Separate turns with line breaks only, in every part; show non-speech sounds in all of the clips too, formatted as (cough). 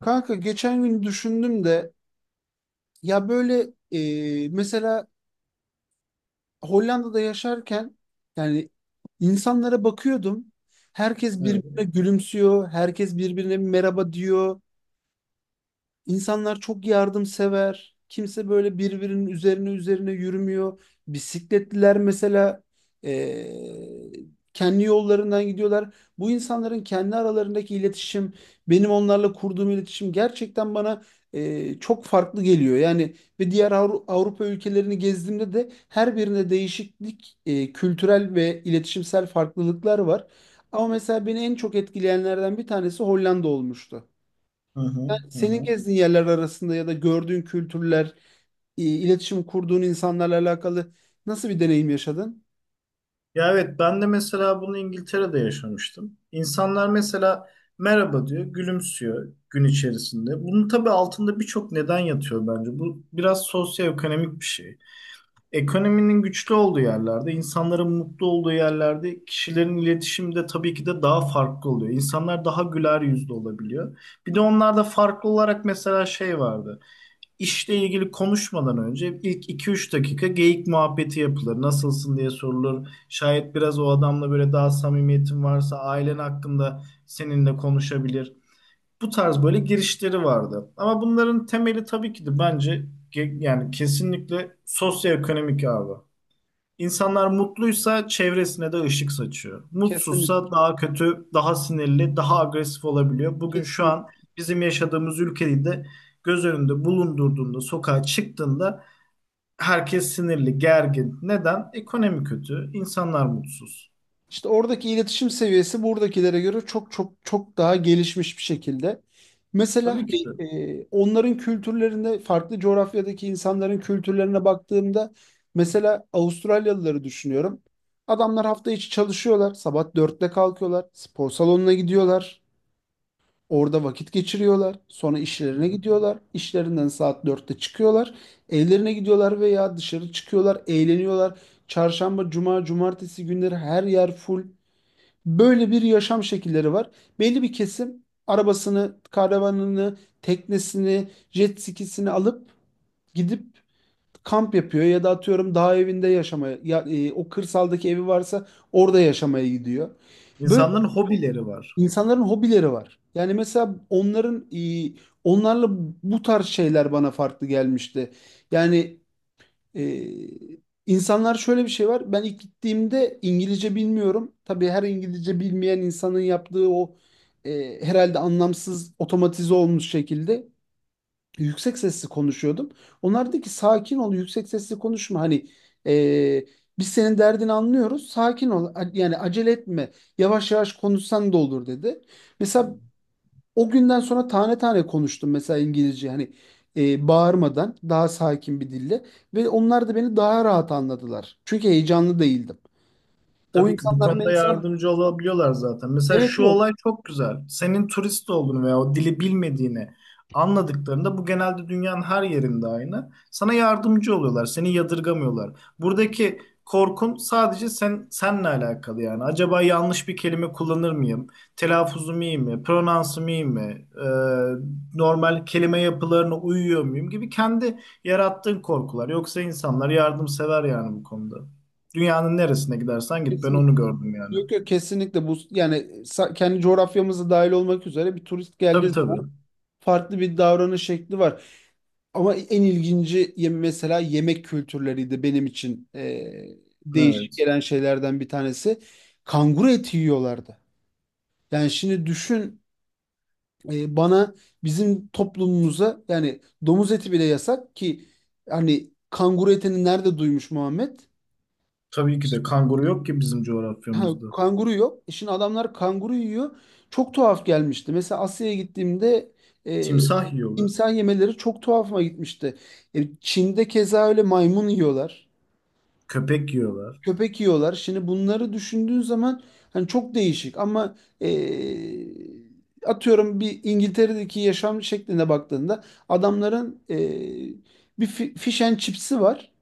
Kanka geçen gün düşündüm de, ya böyle mesela Hollanda'da yaşarken, yani, insanlara bakıyordum. Herkes birbirine
Evet.
gülümsüyor, herkes birbirine merhaba diyor. İnsanlar çok yardımsever. Kimse böyle birbirinin üzerine üzerine yürümüyor. Bisikletliler mesela eee, kendi yollarından gidiyorlar. Bu insanların kendi aralarındaki iletişim, benim onlarla kurduğum iletişim gerçekten bana çok farklı geliyor. Yani ve diğer Avrupa ülkelerini gezdiğimde de her birinde değişiklik, kültürel ve iletişimsel farklılıklar var. Ama mesela beni en çok etkileyenlerden bir tanesi Hollanda olmuştu.
Hı hı,
Yani
hı
senin
hı.
gezdiğin yerler arasında ya da gördüğün kültürler, iletişim kurduğun insanlarla alakalı nasıl bir deneyim yaşadın?
Ya evet ben de mesela bunu İngiltere'de yaşamıştım. İnsanlar mesela merhaba diyor, gülümsüyor gün içerisinde. Bunun tabii altında birçok neden yatıyor bence. Bu biraz sosyoekonomik bir şey. Ekonominin güçlü olduğu yerlerde, insanların mutlu olduğu yerlerde kişilerin iletişimi de tabii ki de daha farklı oluyor. İnsanlar daha güler yüzlü olabiliyor. Bir de onlarda farklı olarak mesela şey vardı. İşle ilgili konuşmadan önce ilk iki üç dakika geyik muhabbeti yapılır. Nasılsın diye sorulur. Şayet biraz o adamla böyle daha samimiyetin varsa ailen hakkında seninle konuşabilir. Bu tarz böyle girişleri vardı. Ama bunların temeli tabii ki de bence yani kesinlikle sosyoekonomik abi. İnsanlar mutluysa çevresine de ışık saçıyor.
Kesinlikle,
Mutsuzsa daha kötü, daha sinirli, daha agresif olabiliyor. Bugün şu
kesinlikle.
an bizim yaşadığımız ülkede de göz önünde bulundurduğunda, sokağa çıktığında herkes sinirli, gergin. Neden? Ekonomi kötü, insanlar mutsuz.
İşte oradaki iletişim seviyesi buradakilere göre çok çok çok daha gelişmiş bir şekilde. Mesela
Tabii ki de. Hı
hani, onların kültürlerinde, farklı coğrafyadaki insanların kültürlerine baktığımda mesela Avustralyalıları düşünüyorum. Adamlar hafta içi çalışıyorlar, sabah dörtte kalkıyorlar, spor salonuna gidiyorlar. Orada vakit geçiriyorlar. Sonra
hı.
işlerine gidiyorlar. İşlerinden saat dörtte çıkıyorlar. Evlerine gidiyorlar veya dışarı çıkıyorlar, eğleniyorlar. Çarşamba, cuma, cumartesi günleri her yer full. Böyle bir yaşam şekilleri var. Belli bir kesim arabasını, karavanını, teknesini, jet skisini alıp gidip kamp yapıyor ya da atıyorum dağ evinde yaşamaya ya, o kırsaldaki evi varsa orada yaşamaya gidiyor. Böyle
İnsanların hobileri var.
İnsanların hobileri var. Yani mesela onlarla bu tarz şeyler bana farklı gelmişti. Yani e, insanlar şöyle bir şey var. Ben ilk gittiğimde İngilizce bilmiyorum. Tabii her İngilizce bilmeyen insanın yaptığı o, herhalde anlamsız, otomatize olmuş şekilde yüksek sesli konuşuyordum. Onlar dedi ki, sakin ol, yüksek sesli konuşma. Hani, e, biz senin derdini anlıyoruz. Sakin ol. Yani acele etme. Yavaş yavaş konuşsan da olur dedi. Mesela o günden sonra tane tane konuştum, mesela İngilizce, hani, bağırmadan, daha sakin bir dille, ve onlar da beni daha rahat anladılar. Çünkü heyecanlı değildim. O
Tabii ki bu
insanlar
konuda
mesela,
yardımcı olabiliyorlar zaten. Mesela
evet
şu
evet,
olay çok güzel. Senin turist olduğunu veya o dili bilmediğini anladıklarında bu genelde dünyanın her yerinde aynı. Sana yardımcı oluyorlar, seni yadırgamıyorlar. Buradaki korkun sadece sen senle alakalı yani. Acaba yanlış bir kelime kullanır mıyım? Telaffuzum iyi mi? Pronansım iyi mi? Normal kelime yapılarına uyuyor muyum gibi kendi yarattığın korkular. Yoksa insanlar yardımsever yani bu konuda. Dünyanın neresine gidersen git. Ben
kesinlikle.
onu gördüm yani.
Yok yok, kesinlikle bu, yani kendi coğrafyamıza dahil olmak üzere, bir turist geldiği
Tabii
zaman
tabii.
farklı bir davranış şekli var. Ama en ilginci mesela yemek kültürleriydi benim için, değişik
Evet.
gelen şeylerden bir tanesi. Kanguru eti yiyorlardı. Yani şimdi düşün, bana, bizim toplumumuza, yani domuz eti bile yasak ki, hani kanguru etini nerede duymuş Muhammed?
Tabii ki
İşte,
de kanguru yok ki bizim
ha,
coğrafyamızda.
kanguru yok. E, şimdi adamlar kanguru yiyor. Çok tuhaf gelmişti. Mesela Asya'ya gittiğimde, e,
Timsah yiyorlar.
timsah yemeleri çok tuhafıma gitmişti. E, Çin'de keza öyle, maymun yiyorlar,
Köpek yiyorlar.
köpek yiyorlar. Şimdi bunları düşündüğün zaman hani çok değişik, ama atıyorum bir İngiltere'deki yaşam şekline baktığında, adamların bir fish and chips'i var.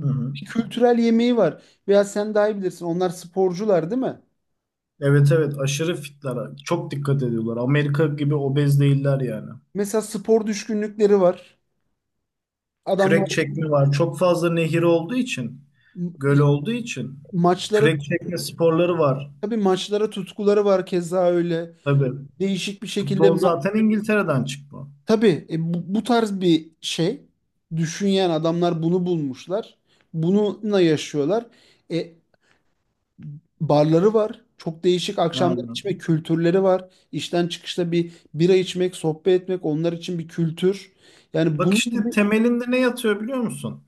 Hı hı.
kültürel yemeği var. Veya sen daha iyi bilirsin, onlar sporcular değil mi?
Evet evet aşırı fitler. Çok dikkat ediyorlar. Amerika gibi obez değiller yani.
Mesela spor düşkünlükleri var. Adamlar
Kürek çekme var. Çok fazla nehir olduğu için,
m-
göl olduğu için
maçlara,
kürek çekme sporları var.
tabii maçlara tutkuları var keza öyle.
Tabii.
Değişik bir şekilde
Futbol zaten İngiltere'den çıkma.
tabii, bu tarz bir şey düşünen adamlar bunu bulmuşlar. Bununla yaşıyorlar. E, barları var. Çok değişik akşamlar,
Aynen.
içme kültürleri var. İşten çıkışta bir bira içmek, sohbet etmek onlar için bir kültür. Yani
Bak
bunun
işte
gibi
temelinde ne yatıyor biliyor musun?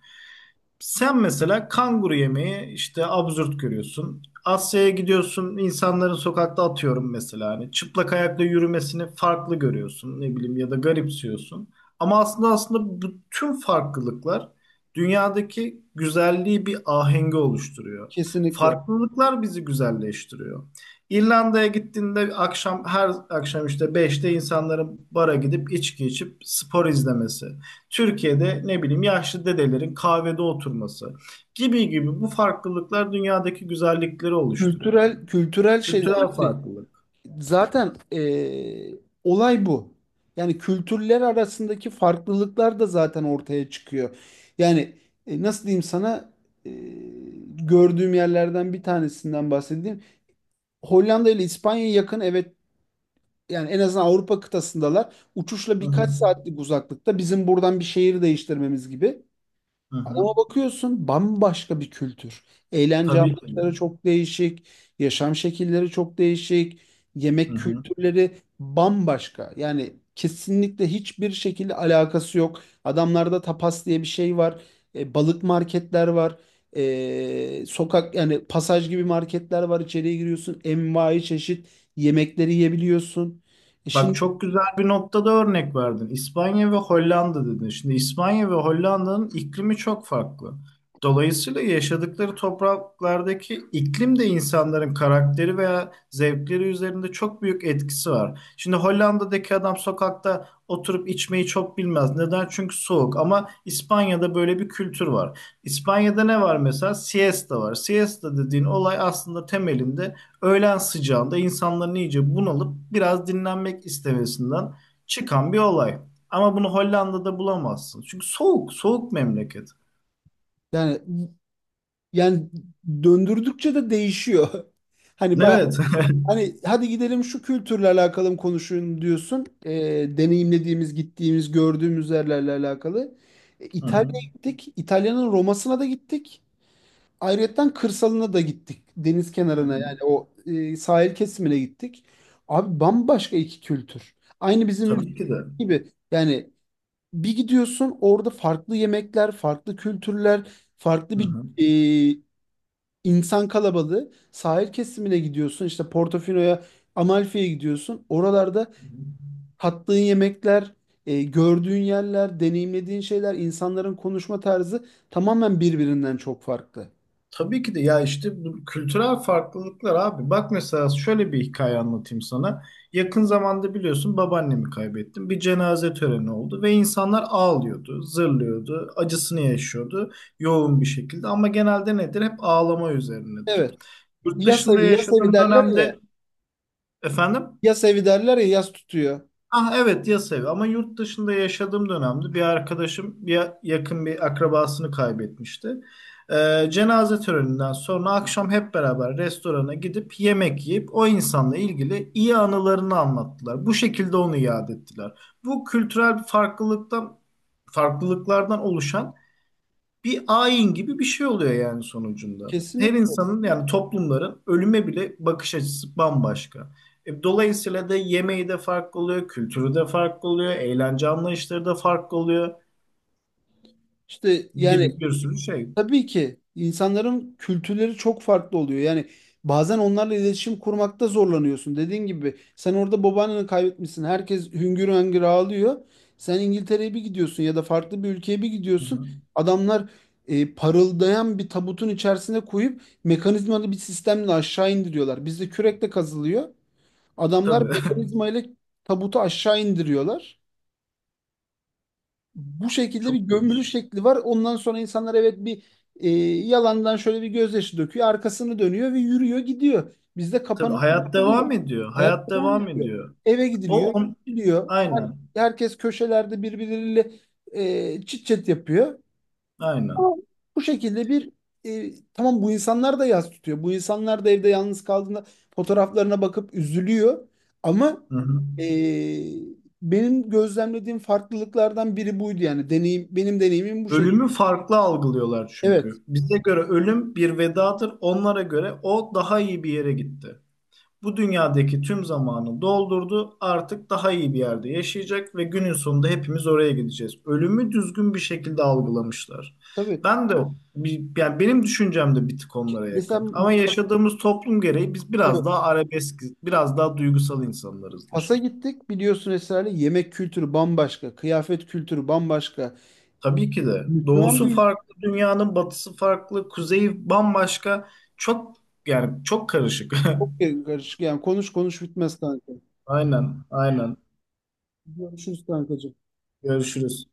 Sen mesela kanguru yemeği işte absürt görüyorsun. Asya'ya gidiyorsun, insanların sokakta atıyorum mesela hani çıplak ayakla yürümesini farklı görüyorsun, ne bileyim ya da garipsiyorsun. Ama aslında bütün farklılıklar dünyadaki güzelliği bir ahengi oluşturuyor.
kesinlikle
Farklılıklar bizi güzelleştiriyor. İrlanda'ya gittiğinde akşam her akşam işte beşte insanların bara gidip içki içip spor izlemesi. Türkiye'de ne bileyim yaşlı dedelerin kahvede oturması gibi gibi bu farklılıklar dünyadaki güzellikleri oluşturuyor.
kültürel, kültürel şeyler,
Kültürel
yani.
farklılık.
Zaten olay bu. Yani kültürler arasındaki farklılıklar da zaten ortaya çıkıyor. Yani, nasıl diyeyim sana, eee, gördüğüm yerlerden bir tanesinden bahsedeyim. Hollanda ile İspanya'ya yakın, evet, yani en azından Avrupa kıtasındalar. Uçuşla
Hı
birkaç
hı.
saatlik uzaklıkta, bizim buradan bir şehir değiştirmemiz gibi.
Hı hı.
Ama bakıyorsun bambaşka bir kültür. Eğlence
Tabii ki.
anlayışları çok değişik, yaşam şekilleri çok değişik,
Hı
yemek
hı.
kültürleri bambaşka. Yani kesinlikle hiçbir şekilde alakası yok. Adamlarda tapas diye bir şey var, balık marketler var, sokak, yani pasaj gibi marketler var. İçeriye giriyorsun, envai çeşit yemekleri yiyebiliyorsun. E
Bak
şimdi,
çok güzel bir noktada örnek verdin. İspanya ve Hollanda dedin. Şimdi İspanya ve Hollanda'nın iklimi çok farklı. Dolayısıyla yaşadıkları topraklardaki iklim de insanların karakteri veya zevkleri üzerinde çok büyük etkisi var. Şimdi Hollanda'daki adam sokakta oturup içmeyi çok bilmez. Neden? Çünkü soğuk. Ama İspanya'da böyle bir kültür var. İspanya'da ne var mesela? Siesta var. Siesta dediğin olay aslında temelinde öğlen sıcağında insanların iyice bunalıp biraz dinlenmek istemesinden çıkan bir olay. Ama bunu Hollanda'da bulamazsın. Çünkü soğuk, soğuk memleket.
yani yani döndürdükçe de değişiyor. (laughs) Hani bayağı,
Evet. (laughs)
hani hadi gidelim şu kültürle alakalı mı konuşun diyorsun. E, deneyimlediğimiz, gittiğimiz, gördüğümüz yerlerle alakalı. E,
Hı hı.
İtalya'ya gittik. İtalya'nın Roma'sına da gittik. Ayrıyeten kırsalına da gittik. Deniz
Hı
kenarına,
hı.
yani o, sahil kesimine gittik. Abi bambaşka iki kültür. Aynı bizim ülke
Tabii ki de.
gibi. Yani bir gidiyorsun, orada farklı yemekler, farklı kültürler, farklı
Hı
bir
hı.
e, İnsan kalabalığı. Sahil kesimine gidiyorsun, işte Portofino'ya, Amalfi'ye gidiyorsun. Oralarda
Hı hı.
tattığın yemekler, gördüğün yerler, deneyimlediğin şeyler, insanların konuşma tarzı tamamen birbirinden çok farklı.
Tabii ki de ya işte bu kültürel farklılıklar abi. Bak mesela şöyle bir hikaye anlatayım sana. Yakın zamanda biliyorsun babaannemi kaybettim. Bir cenaze töreni oldu ve insanlar ağlıyordu, zırlıyordu, acısını yaşıyordu yoğun bir şekilde. Ama genelde nedir? Hep ağlama üzerinedir.
Evet.
Yurt
Yas
dışında
evi, yas evi
yaşadığım
derler ya.
dönemde efendim.
Yas evi derler ya, yas tutuyor.
Ah evet yas evi ama yurt dışında yaşadığım dönemde bir arkadaşım bir yakın bir akrabasını kaybetmişti. Cenaze töreninden sonra akşam hep beraber restorana gidip yemek yiyip o insanla ilgili iyi anılarını anlattılar. Bu şekilde onu yad ettiler. Bu kültürel bir farklılıktan farklılıklardan oluşan bir ayin gibi bir şey oluyor yani sonucunda. Her
Kesinlikle.
insanın yani toplumların ölüme bile bakış açısı bambaşka. Dolayısıyla da yemeği de farklı oluyor, kültürü de farklı oluyor, eğlence anlayışları da farklı oluyor
İşte yani,
gibi bir sürü şey.
tabii ki insanların kültürleri çok farklı oluyor. Yani bazen onlarla iletişim kurmakta zorlanıyorsun. Dediğin gibi, sen orada babaanneni kaybetmişsin, herkes hüngür hüngür ağlıyor. Sen İngiltere'ye bir gidiyorsun, ya da farklı bir ülkeye bir
Hı
gidiyorsun.
hı.
Adamlar parıldayan bir tabutun içerisine koyup mekanizmalı bir sistemle aşağı indiriyorlar. Bizde kürekle kazılıyor. Adamlar
Tabii. (laughs)
mekanizmayla tabutu aşağı indiriyorlar, bu şekilde bir
Çok
gömülü
değişik.
şekli var. Ondan sonra insanlar, evet, bir e, yalandan şöyle bir gözyaşı döküyor. Arkasını dönüyor ve yürüyor gidiyor. Bizde
Tabii
kapanıyor
hayat
oluyor.
devam ediyor.
Hayat
Hayat
devam
devam
ediyor.
ediyor.
Eve
O
gidiliyor,
on
gidiliyor.
aynen.
Herkes köşelerde birbirleriyle çit çet yapıyor.
Aynen.
Ama bu şekilde bir, tamam, bu insanlar da yas tutuyor. Bu insanlar da evde yalnız kaldığında fotoğraflarına bakıp üzülüyor. Ama
Hı hı.
e, benim gözlemlediğim farklılıklardan biri buydu yani. Deneyim, benim deneyimim bu şekilde.
Ölümü farklı algılıyorlar
Evet,
çünkü. Bize göre ölüm bir vedadır. Onlara göre o daha iyi bir yere gitti. Bu dünyadaki tüm zamanı doldurdu. Artık daha iyi bir yerde yaşayacak ve günün sonunda hepimiz oraya gideceğiz. Ölümü düzgün bir şekilde algılamışlar.
tabii.
Ben de yani benim düşüncem de bir tık onlara
Mesela
yakın. Ama
Fas-
yaşadığımız toplum gereği biz
tabii,
biraz daha arabesk, biraz daha duygusal
Fas'a
insanlarızdır.
gittik. Biliyorsun, Esra'yla. Yemek kültürü bambaşka, kıyafet kültürü bambaşka.
Tabii ki de
Müslüman bir
doğusu
ülke.
farklı, dünyanın batısı farklı, kuzeyi bambaşka. Çok yani çok karışık.
Çok
(laughs)
karışık yani. Konuş konuş bitmez kanka.
Aynen, aynen.
Görüşürüz kankacığım.
Görüşürüz.